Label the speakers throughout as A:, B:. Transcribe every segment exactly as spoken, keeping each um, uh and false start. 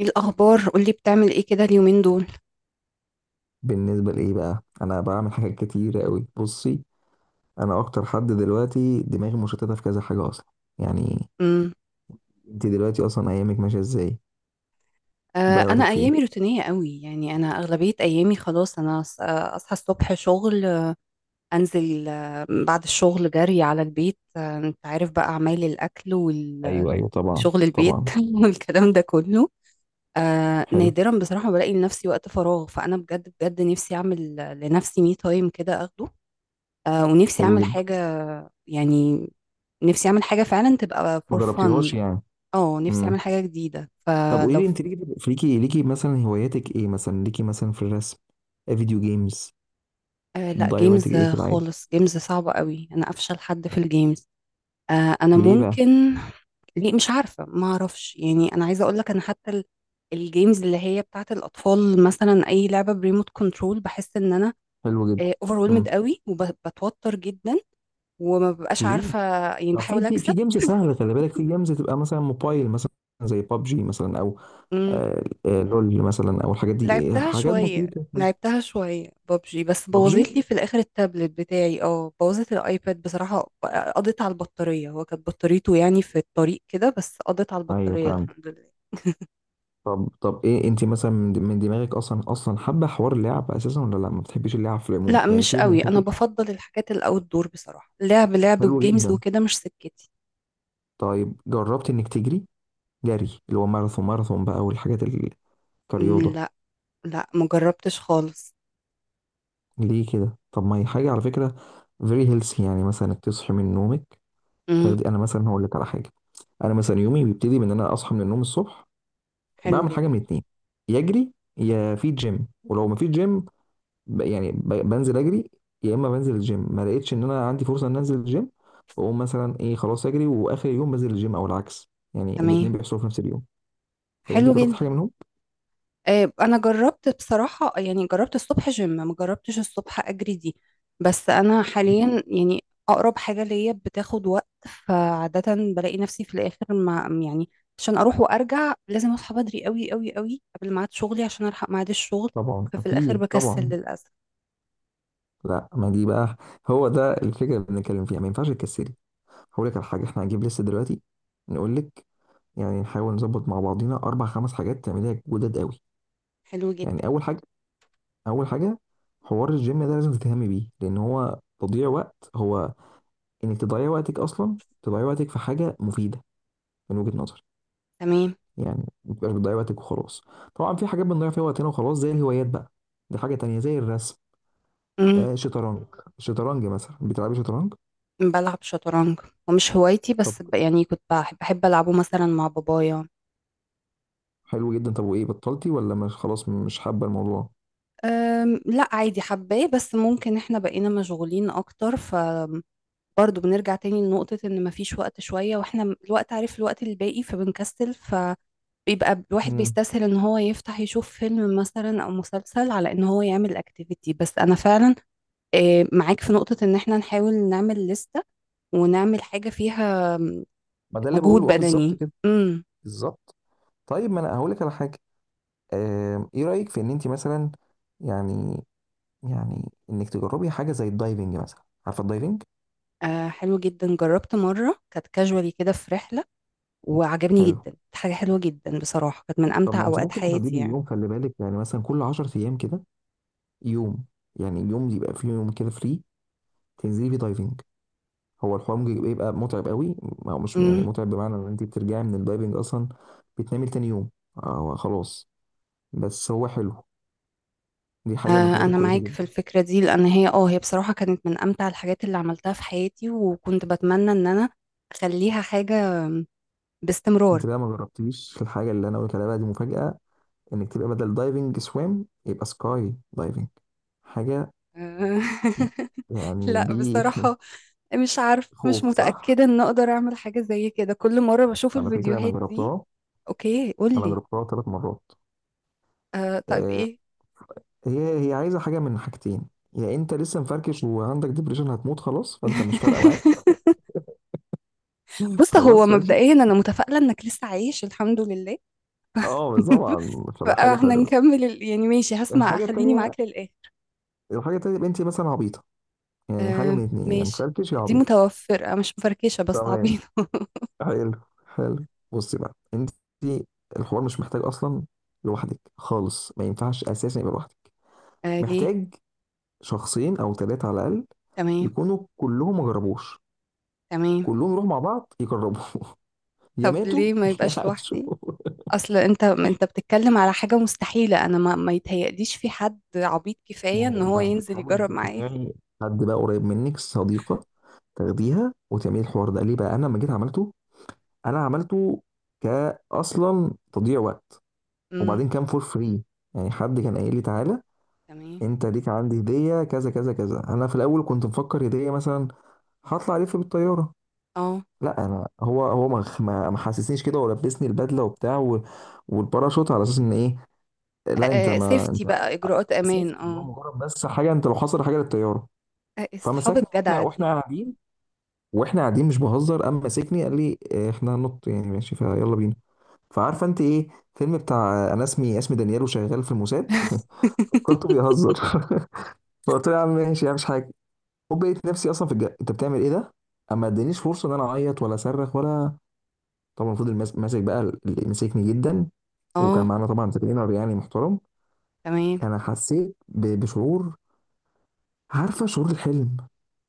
A: ايه الاخبار؟ قولي، بتعمل ايه كده اليومين دول؟
B: بالنسبة لإيه بقى، أنا بعمل حاجات كتير أوي. بصي، أنا أكتر حد دلوقتي دماغي مشتتة في كذا حاجة أصلا، يعني.
A: امم.
B: أنت دلوقتي أصلا أيامك ماشية إزاي؟
A: آه
B: بتضيعي
A: انا
B: وقتك في إيه؟
A: ايامي روتينيه قوي، يعني انا اغلبيه ايامي خلاص، انا أص- آه، اصحى الصبح شغل، آه، انزل، آه، بعد الشغل جري على البيت، آه، انت عارف بقى اعمال الاكل وال-
B: ايوه، ايوه، طبعا،
A: وشغل البيت
B: طبعا.
A: والكلام ده كله. آه
B: حلو.
A: نادرا بصراحه بلاقي لنفسي وقت فراغ، فانا بجد بجد نفسي اعمل لنفسي مي تايم كده اخده. آه ونفسي
B: حلو
A: اعمل
B: جدا.
A: حاجه، يعني. نفسي اعمل حاجه فعلا تبقى
B: ما
A: فور
B: جربتيهاش
A: فن.
B: يعني؟
A: اه، نفسي اعمل
B: امم.
A: حاجه جديده
B: طب، قولي
A: فلو.
B: لي أنت ليكي ليكي ليكي مثلا هواياتك إيه؟ مثلا ليكي مثلا في الرسم. آه، فيديو جيمز؟
A: آه، لا،
B: بتضيعي وقتك
A: جيمز
B: إيه في العادي؟
A: خالص، جيمز صعبه قوي، انا افشل حد في الجيمز. آه، انا
B: ليه بقى؟
A: ممكن. ليه؟ مش عارفه، ما اعرفش، يعني انا عايزه اقول لك انا حتى ال- الجيمز اللي هي بتاعت الاطفال، مثلا اي لعبه بريموت كنترول بحس ان انا
B: حلو جدا.
A: اوفرولمد
B: امم.
A: قوي وبتوتر جدا، وما ببقاش
B: ليه؟
A: عارفه، يعني
B: طب، في
A: بحاول
B: في في
A: اكسب.
B: جيمز سهلة، خلي بالك، في جيمز تبقى مثلا موبايل مثلا، زي بابجي مثلا. آه، آه، لول مثلا، او الحاجات دي، آه،
A: لعبتها
B: حاجات
A: شوية
B: بسيطه.
A: لعبتها شوية ببجي، بس بوظت
B: ببجي.
A: لي في الآخر التابلت بتاعي، اه بوظت الآيباد بصراحة. قضيت على البطارية، هو كانت بطاريته يعني في الطريق كده، بس قضيت على
B: ايوه،
A: البطارية،
B: فهمت.
A: الحمد لله.
B: طب طب، ايه انت مثلا من من دماغك اصلا اصلا حابه حوار اللعب اساسا، ولا لا ما بتحبيش اللعب في العموم
A: لا،
B: يعني،
A: مش
B: سيبك من
A: قوي، أنا
B: حته.
A: بفضل الحاجات الأوت دور، بصراحة لعب لعب
B: حلوه
A: وجيمز
B: جدا.
A: وكده مش سكتي.
B: طيب، جربت انك تجري، جري اللي هو ماراثون، ماراثون بقى والحاجات ال-
A: مم،
B: كرياضه؟
A: لا. لا، مجربتش خالص.
B: ليه كده؟ طب ما هي حاجه على فكره فيري هيلثي، يعني مثلا انك تصحي من نومك،
A: امم.
B: تاخدي. انا مثلا هقول لك على حاجه، انا مثلا يومي بيبتدي من ان انا اصحى من النوم الصبح،
A: حلو
B: بعمل
A: جدا.
B: حاجه من اتنين، يا اجري يا في جيم. ولو ما في جيم، ب- يعني ب- بنزل اجري، يا اما بنزل الجيم. ما لقيتش ان انا عندي فرصه ان انزل الجيم، بقوم مثلا ايه، خلاص اجري، واخر يوم بنزل الجيم، او العكس، يعني الاتنين
A: تمام.
B: بيحصلوا في نفس اليوم. فانت
A: حلو
B: جربت
A: جدا.
B: حاجه منهم؟
A: آه، انا جربت بصراحه، يعني جربت الصبح جيم، ما جربتش الصبح اجري دي. بس انا حاليا يعني اقرب حاجه ليا بتاخد وقت، فعاده بلاقي نفسي في الاخر، ما يعني. عشان اروح وارجع لازم اصحى بدري قوي قوي قوي قبل ميعاد شغلي، عشان الحق ميعاد الشغل،
B: طبعا،
A: ففي الاخر
B: اكيد
A: بكسل
B: طبعا.
A: للاسف.
B: لا، ما دي بقى هو ده الفكره اللي بنتكلم فيها، ما ينفعش تكسلي. هقول لك على حاجه، احنا هنجيب لسه دلوقتي نقول لك، يعني نحاول نظبط مع بعضينا اربع خمس حاجات تعمليها جداد قوي.
A: حلو جدا.
B: يعني اول حاجه، اول حاجه، حوار الجيم ده لازم تهتمي بيه، لان هو تضييع وقت، هو انك تضيعي وقتك اصلا، تضيعي وقتك في حاجه مفيده من وجهه نظري.
A: تمام.
B: يعني ما تبقاش بتضيعي وقتك وخلاص. طبعا في حاجات بنضيع فيها وقتنا وخلاص، زي الهوايات بقى. دي حاجه تانية، زي الرسم،
A: امم.
B: آه شطرنج. شطرنج مثلا، بتلعبي شطرنج؟
A: بلعب شطرنج، ومش هوايتي،
B: طب
A: بس ب- يعني كنت بحب بحب العبه مثلا مع بابايا.
B: حلو جدا. طب وايه، بطلتي؟ ولا مش خلاص مش حابه الموضوع؟
A: أم، لا عادي، حباه، بس ممكن احنا بقينا مشغولين اكتر، ف برضه بنرجع تاني لنقطة ان مفيش وقت شوية، واحنا م- الوقت، عارف، الوقت الباقي، فبنكسل، فبيبقى الواحد
B: امم،
A: بيستسهل ان هو يفتح يشوف فيلم مثلا او مسلسل على ان هو يعمل اكتيفيتي، بس انا فعلا آه، معاك في نقطة ان احنا نحاول نعمل لستة، ونعمل حاجة فيها م،
B: ما ده اللي
A: مجهود
B: بقوله، اه، بالظبط
A: بدني.
B: كده،
A: امم.
B: بالظبط. طيب ما انا هقول لك على حاجه، آه ايه رايك في ان انت مثلا، يعني يعني انك تجربي حاجه زي الدايفنج مثلا، عارفه الدايفنج؟
A: آه، حلو جدا، جربت مرة كانت كاجوالي كده في رحلة، وعجبني
B: حلو.
A: جدا، كانت حاجة حلوة جدا بصراحة، كانت من
B: طب ما
A: أمتع
B: انت
A: أوقات
B: ممكن
A: حياتي
B: تحددي
A: يعني.
B: يوم، خلي بالك يعني، مثلا كل عشر ايام كده، يوم، يعني يوم يبقى فيه، يوم كده فري تنزلي فيه دايفنج. هو الحوار ممكن يبقى يبقى متعب قوي، او مش يعني
A: امم.
B: متعب، بمعنى ان انت بترجعي من الدايفنج اصلا بتنامي تاني يوم، أو خلاص. بس هو حلو، دي حاجه من
A: آه
B: الحاجات
A: أنا
B: الكويسه
A: معاك في
B: جدا.
A: الفكرة دي، لأن هي اه هي بصراحة كانت من أمتع الحاجات اللي عملتها في حياتي، وكنت بتمنى إن أنا أخليها حاجة باستمرار.
B: انت بقى ما جربتيش الحاجه اللي انا قلت عليها بقى، دي مفاجاه، انك تبقى بدل دايفنج سويم يبقى سكاي دايفنج، حاجه
A: آه،
B: يعني
A: لا
B: دي
A: بصراحة، مش عارف، مش
B: خوخ صح،
A: متأكدة إن أقدر أعمل حاجة زي كده، كل مرة بشوف
B: على فكرة أنا
A: الفيديوهات دي.
B: جربتها.
A: أوكي،
B: أنا
A: قولي.
B: جربتها ثلاث مرات.
A: آه، طيب
B: آه،
A: إيه؟
B: هي هي عايزة حاجة من حاجتين، يا أنت لسه مفركش وعندك ديبريشن هتموت خلاص فأنت مش فارقة معاك.
A: بص، هو
B: خلاص ماشي.
A: مبدئيا أنا متفائلة إنك لسه عايش، الحمد لله.
B: أه بس طبعا، فبقى
A: بقى
B: حاجة
A: احنا
B: حلوة.
A: نكمل ال. يعني ماشي، هسمع،
B: الحاجة
A: خليني
B: التانية،
A: معاك للآخر.
B: الحاجة التانية يبقى أنت مثلا عبيطة، يعني حاجة
A: آه،
B: من اتنين، يا
A: ماشي.
B: مفركش يا
A: دي
B: عبيط.
A: متوفرة، مش مفركشة، بس
B: تمام،
A: عبيطة.
B: حلو. حلو. بصي بقى أنت، الحوار مش محتاج أصلا لوحدك خالص، ما ينفعش أساسا يبقى لوحدك،
A: آه، ليه؟
B: محتاج شخصين او ثلاثه على الاقل،
A: تمام.
B: يكونوا كلهم ما جربوش،
A: تمام.
B: كلهم يروحوا مع بعض يجربوا يا
A: طب
B: ماتوا
A: ليه ما
B: يا
A: يبقاش
B: عاشوا.
A: لوحدي؟ اصل انت انت بتتكلم على حاجة مستحيلة، انا ما, ما يتهيأليش في حد عبيط
B: ما
A: كفاية ان
B: هو،
A: هو
B: ما انت
A: ينزل
B: تحاولي
A: يجرب معايا.
B: تقنعي حد بقى قريب منك، صديقه تاخديها وتعملي الحوار ده. ليه؟ بقى انا لما جيت عملته، انا عملته كاصلا تضييع وقت،
A: امم.
B: وبعدين كان فور فري، يعني حد كان قايل لي تعالى،
A: تمام.
B: انت ليك عندي هديه كذا كذا كذا. انا في الاول كنت مفكر هديه، مثلا هطلع الف بالطياره.
A: اه،
B: لا، انا هو هو ما ما ما حسسنيش كده، ولبسني البدله وبتاع و- والباراشوت، على اساس ان ايه. لا انت، ما
A: سيفتي
B: انت
A: بقى، اجراءات امان،
B: اسفت اللي هو
A: اه.
B: مجرد، بس حاجه انت لو حصل حاجه للطياره.
A: آه، اصحاب
B: فمسكني واحنا
A: الجدع
B: واحنا
A: دي.
B: قاعدين، واحنا قاعدين مش بهزر، قام ماسكني قال لي آه، احنا هننط، يعني ماشي فيلا بينا. فعارفه انت ايه، فيلم بتاع آه، انا اسمي اسمي دانيال وشغال في الموساد فكرته بيهزر. فقلت له يا عم، ماشي يا عم، مش حاجه. وبقيت نفسي اصلا في الجا، انت بتعمل ايه ده؟ اما ادانيش فرصه ان انا اعيط ولا اصرخ ولا، طبعا فضل ماس- ماسك بقى، اللي مسكني جدا. وكان
A: اه،
B: معانا طبعا ترينر يعني محترم.
A: تمام.
B: انا حسيت ب- بشعور، عارفه شعور الحلم،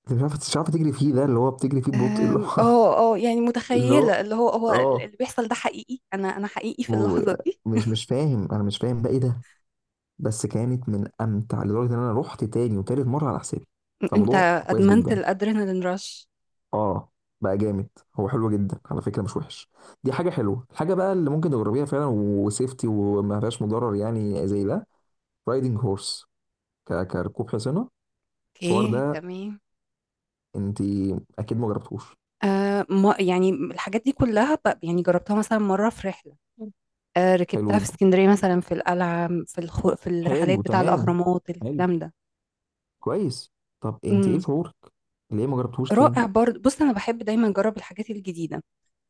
B: اللي مش عارفه مش عارفه تجري فيه، ده اللي هو بتجري فيه ببطء، اللي
A: أم،
B: هو
A: اه، اه، يعني
B: اللي هو،
A: متخيلة اللي هو هو
B: اه،
A: اللي بيحصل ده حقيقي، انا انا حقيقي في
B: و-
A: اللحظة دي.
B: مش مش فاهم، انا مش فاهم بقى ايه ده. بس كانت من امتع لدرجه ان انا رحت تاني وتالت مره على حسابي.
A: انت
B: فالموضوع كويس
A: ادمنت
B: جدا.
A: الادرينالين رش.
B: اه، بقى جامد. هو حلو جدا على فكره، مش وحش. دي حاجه حلوه. الحاجه بقى اللي ممكن تجربيها فعلا وسيفتي وما فيهاش مضرر، يعني زي ده، رايدنج هورس، ك... كركوب حصانه. الحوار
A: اوكي،
B: ده،
A: تمام.
B: انت اكيد ما جربتوش.
A: آه ما يعني الحاجات دي كلها، ب- يعني جربتها مثلا مرة في رحلة. آه
B: حلو
A: ركبتها في
B: جدا.
A: اسكندرية مثلا، في القلعة، في الخو، في الرحلات
B: حلو
A: بتاع
B: تمام.
A: الأهرامات،
B: حلو.
A: الكلام ده.
B: كويس. طب انت ايه
A: امم.
B: شعورك؟ ليه ما جربتوش تاني؟
A: رائع، برضه بص أنا بحب دايما أجرب الحاجات الجديدة،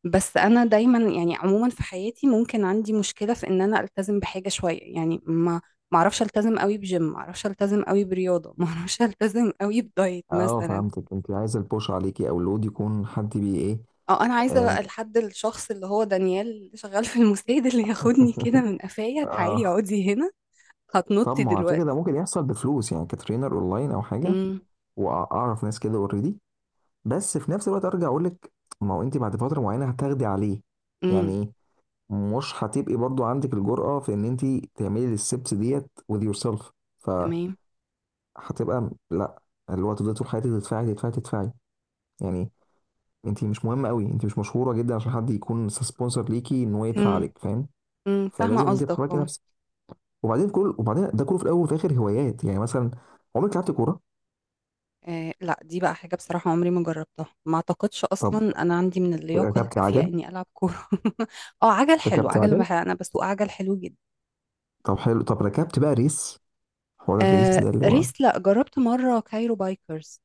A: بس انا دايما يعني عموما في حياتي ممكن عندي مشكله في ان انا التزم بحاجه شويه، يعني ما، ما اعرفش التزم قوي بجيم، ما اعرفش التزم قوي برياضه، ما اعرفش التزم قوي بدايت
B: اه،
A: مثلا.
B: فهمتك، انت عايزه البوش عليكي، او اللود يكون حد بي ايه.
A: اه، انا عايزه
B: آم،
A: بقى لحد الشخص اللي هو دانيال، اللي شغال في المستشفى، اللي ياخدني كده من قفايا، تعالي
B: اه.
A: اقعدي هنا،
B: طب
A: هتنطي
B: ما هو على فكره ده
A: دلوقتي.
B: ممكن يحصل بفلوس، يعني كترينر اونلاين او حاجه،
A: امم.
B: واعرف ناس كده اوريدي. بس في نفس الوقت ارجع اقول لك، ما هو انت بعد فتره معينه هتاخدي عليه.
A: امم.
B: يعني ايه؟ مش هتبقي برضو عندك الجرأة في ان انت تعملي الستبس ديت with yourself.
A: تمام.
B: فهتبقى لا، اللي هو تفضلي طول حياتك تدفعي تدفعي تدفعي، يعني انت مش مهمة قوي، انت مش مشهورة جدا عشان حد يكون سبونسر ليكي ان هو يدفع
A: امم.
B: عليك، فاهم؟
A: امم فاهمه
B: فلازم انت
A: قصدك،
B: تحركي
A: اه.
B: نفسك. وبعدين كل وبعدين ده كله في الاول وفي الاخر هوايات، يعني مثلا عمرك لعبت كورة؟
A: آه، لا، دي بقى حاجة بصراحة عمري ما جربتها، ما اعتقدش
B: طب
A: اصلا انا عندي من اللياقة
B: ركبت
A: الكافية
B: عجل؟
A: اني العب كورة اه، عجل حلو،
B: ركبت
A: عجل
B: عجل
A: بح- انا بسوق عجل حلو جدا.
B: طب حلو. طب ركبت بقى ريس، حوار الريس
A: آه
B: ده اللي هو
A: ريس، لا، جربت مرة كايرو بايكرز،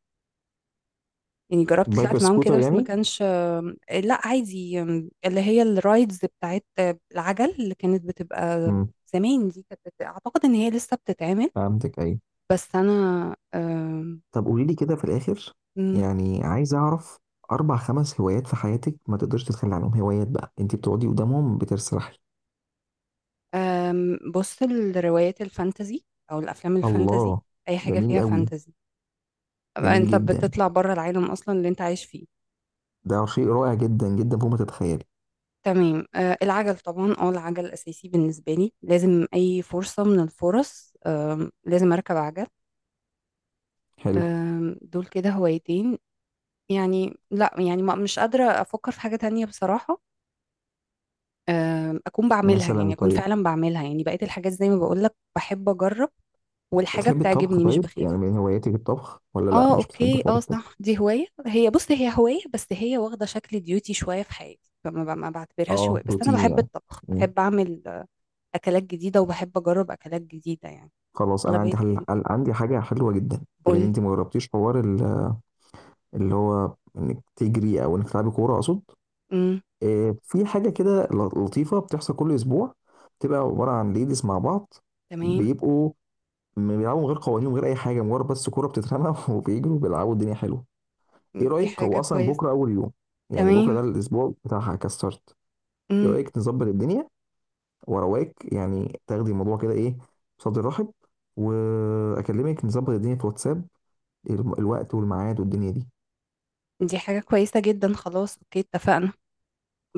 A: يعني جربت
B: بايكر
A: طلعت معاهم كده،
B: سكوتر
A: بس ما
B: يعني؟
A: كانش آه لا عادي، آم، اللي هي الرايدز بتاعت آه، العجل اللي كانت بتبقى
B: امم،
A: زمان، دي كانت بت- اعتقد ان هي لسه بتتعمل،
B: فهمتك، ايوه.
A: بس انا آه
B: طب قولي لي كده في الآخر، يعني عايز أعرف أربع خمس هوايات في حياتك ما تقدرش تتخلى عنهم، هوايات بقى أنت بتقعدي قدامهم بترسرحي.
A: أم، بص، الروايات الفانتزي او الافلام الفانتزي،
B: الله،
A: اي حاجه
B: جميل
A: فيها
B: قوي.
A: فانتزي، أبقى
B: جميل
A: انت
B: جدا،
A: بتطلع بره العالم اصلا اللي انت عايش فيه.
B: ده شيء رائع جدا جدا فوق ما تتخيلي.
A: تمام. أه العجل طبعا، اه العجل اساسي بالنسبه لي، لازم اي فرصه من الفرص أم، لازم اركب عجل.
B: حلو،
A: أم، دول كده هوايتين، يعني لا يعني ما، مش قادره افكر في حاجه تانية بصراحه. أم، اكون بعملها، يعني
B: مثلا
A: اكون
B: طيب،
A: فعلا بعملها، يعني بقيت الحاجات زي ما بقول لك بحب اجرب، والحاجه
B: بتحبي الطبخ؟
A: بتعجبني مش
B: طيب يعني
A: بخاف.
B: من هواياتك الطبخ ولا لا
A: اه،
B: مش بتحبي
A: اوكي،
B: حوار
A: اه،
B: الطبخ؟
A: صح، دي هواية، هي بص هي هواية، بس هي واخدة شكل ديوتي شوية في حياتي، فما ب- ما بعتبرهاش
B: اه،
A: هواية، بس انا
B: روتين
A: بحب
B: يعني.
A: الطبخ،
B: مم.
A: بحب اعمل آه، اكلات جديدة، وبحب اجرب اكلات جديدة يعني.
B: خلاص، انا
A: اغلبية
B: عندي حل...
A: ال-
B: عن- عندي حاجه حلوه جدا، بما ان
A: قول.
B: انت ما جربتيش حوار ال- اللي هو انك تجري، او انك تلعبي كوره اقصد،
A: امم.
B: آه، في حاجة كده ل- لطيفة بتحصل كل أسبوع، بتبقى عبارة عن ليديز مع بعض،
A: تمام.
B: بيبقوا م- بيلعبوا من غير قوانين ومن غير أي حاجة، مجرد بس كورة بتترمى وبيجروا بيلعبوا. الدنيا حلوة. إيه
A: دي
B: رأيك؟
A: حاجة
B: هو أصلا
A: كويسة.
B: بكرة أول يوم يعني، بكرة ده
A: تمام.
B: الأسبوع بتاعها كستارت. إيه
A: امم.
B: رأيك نظبط الدنيا وأرواك، يعني تاخدي الموضوع كده إيه، بصدر رحب، وأكلمك نظبط الدنيا في واتساب، الم- الوقت والميعاد والدنيا دي.
A: دي حاجة كويسة جدا، خلاص، اوكي، اتفقنا.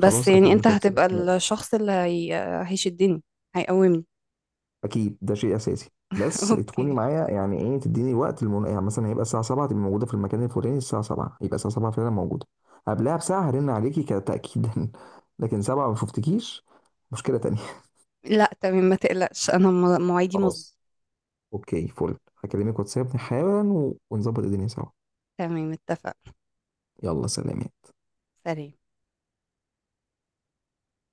A: بس يعني، انت
B: أكلمك واتساب.
A: هتبقى الشخص اللي هي. هيشدني، هيقومني.
B: اكيد، ده شيء اساسي، بس تكوني
A: اوكي.
B: معايا، يعني ايه، تديني الوقت، المن... يعني مثلا هيبقى الساعه سبعة تبقى موجوده في المكان الفلاني، الساعه سبعة يبقى الساعه السابعة فعلا موجوده. قبلها بساعه هرن عليكي كتاكيدا لكن سبعة ما شفتكيش، مشكله تانية.
A: لا، تمام، ما تقلقش، انا م- مواعيدي مظبوطة.
B: خلاص اوكي فل، هكلمك واتساب حالا و... ونظبط الدنيا سوا.
A: تمام، اتفقنا.
B: يلا سلام.
A: سلام.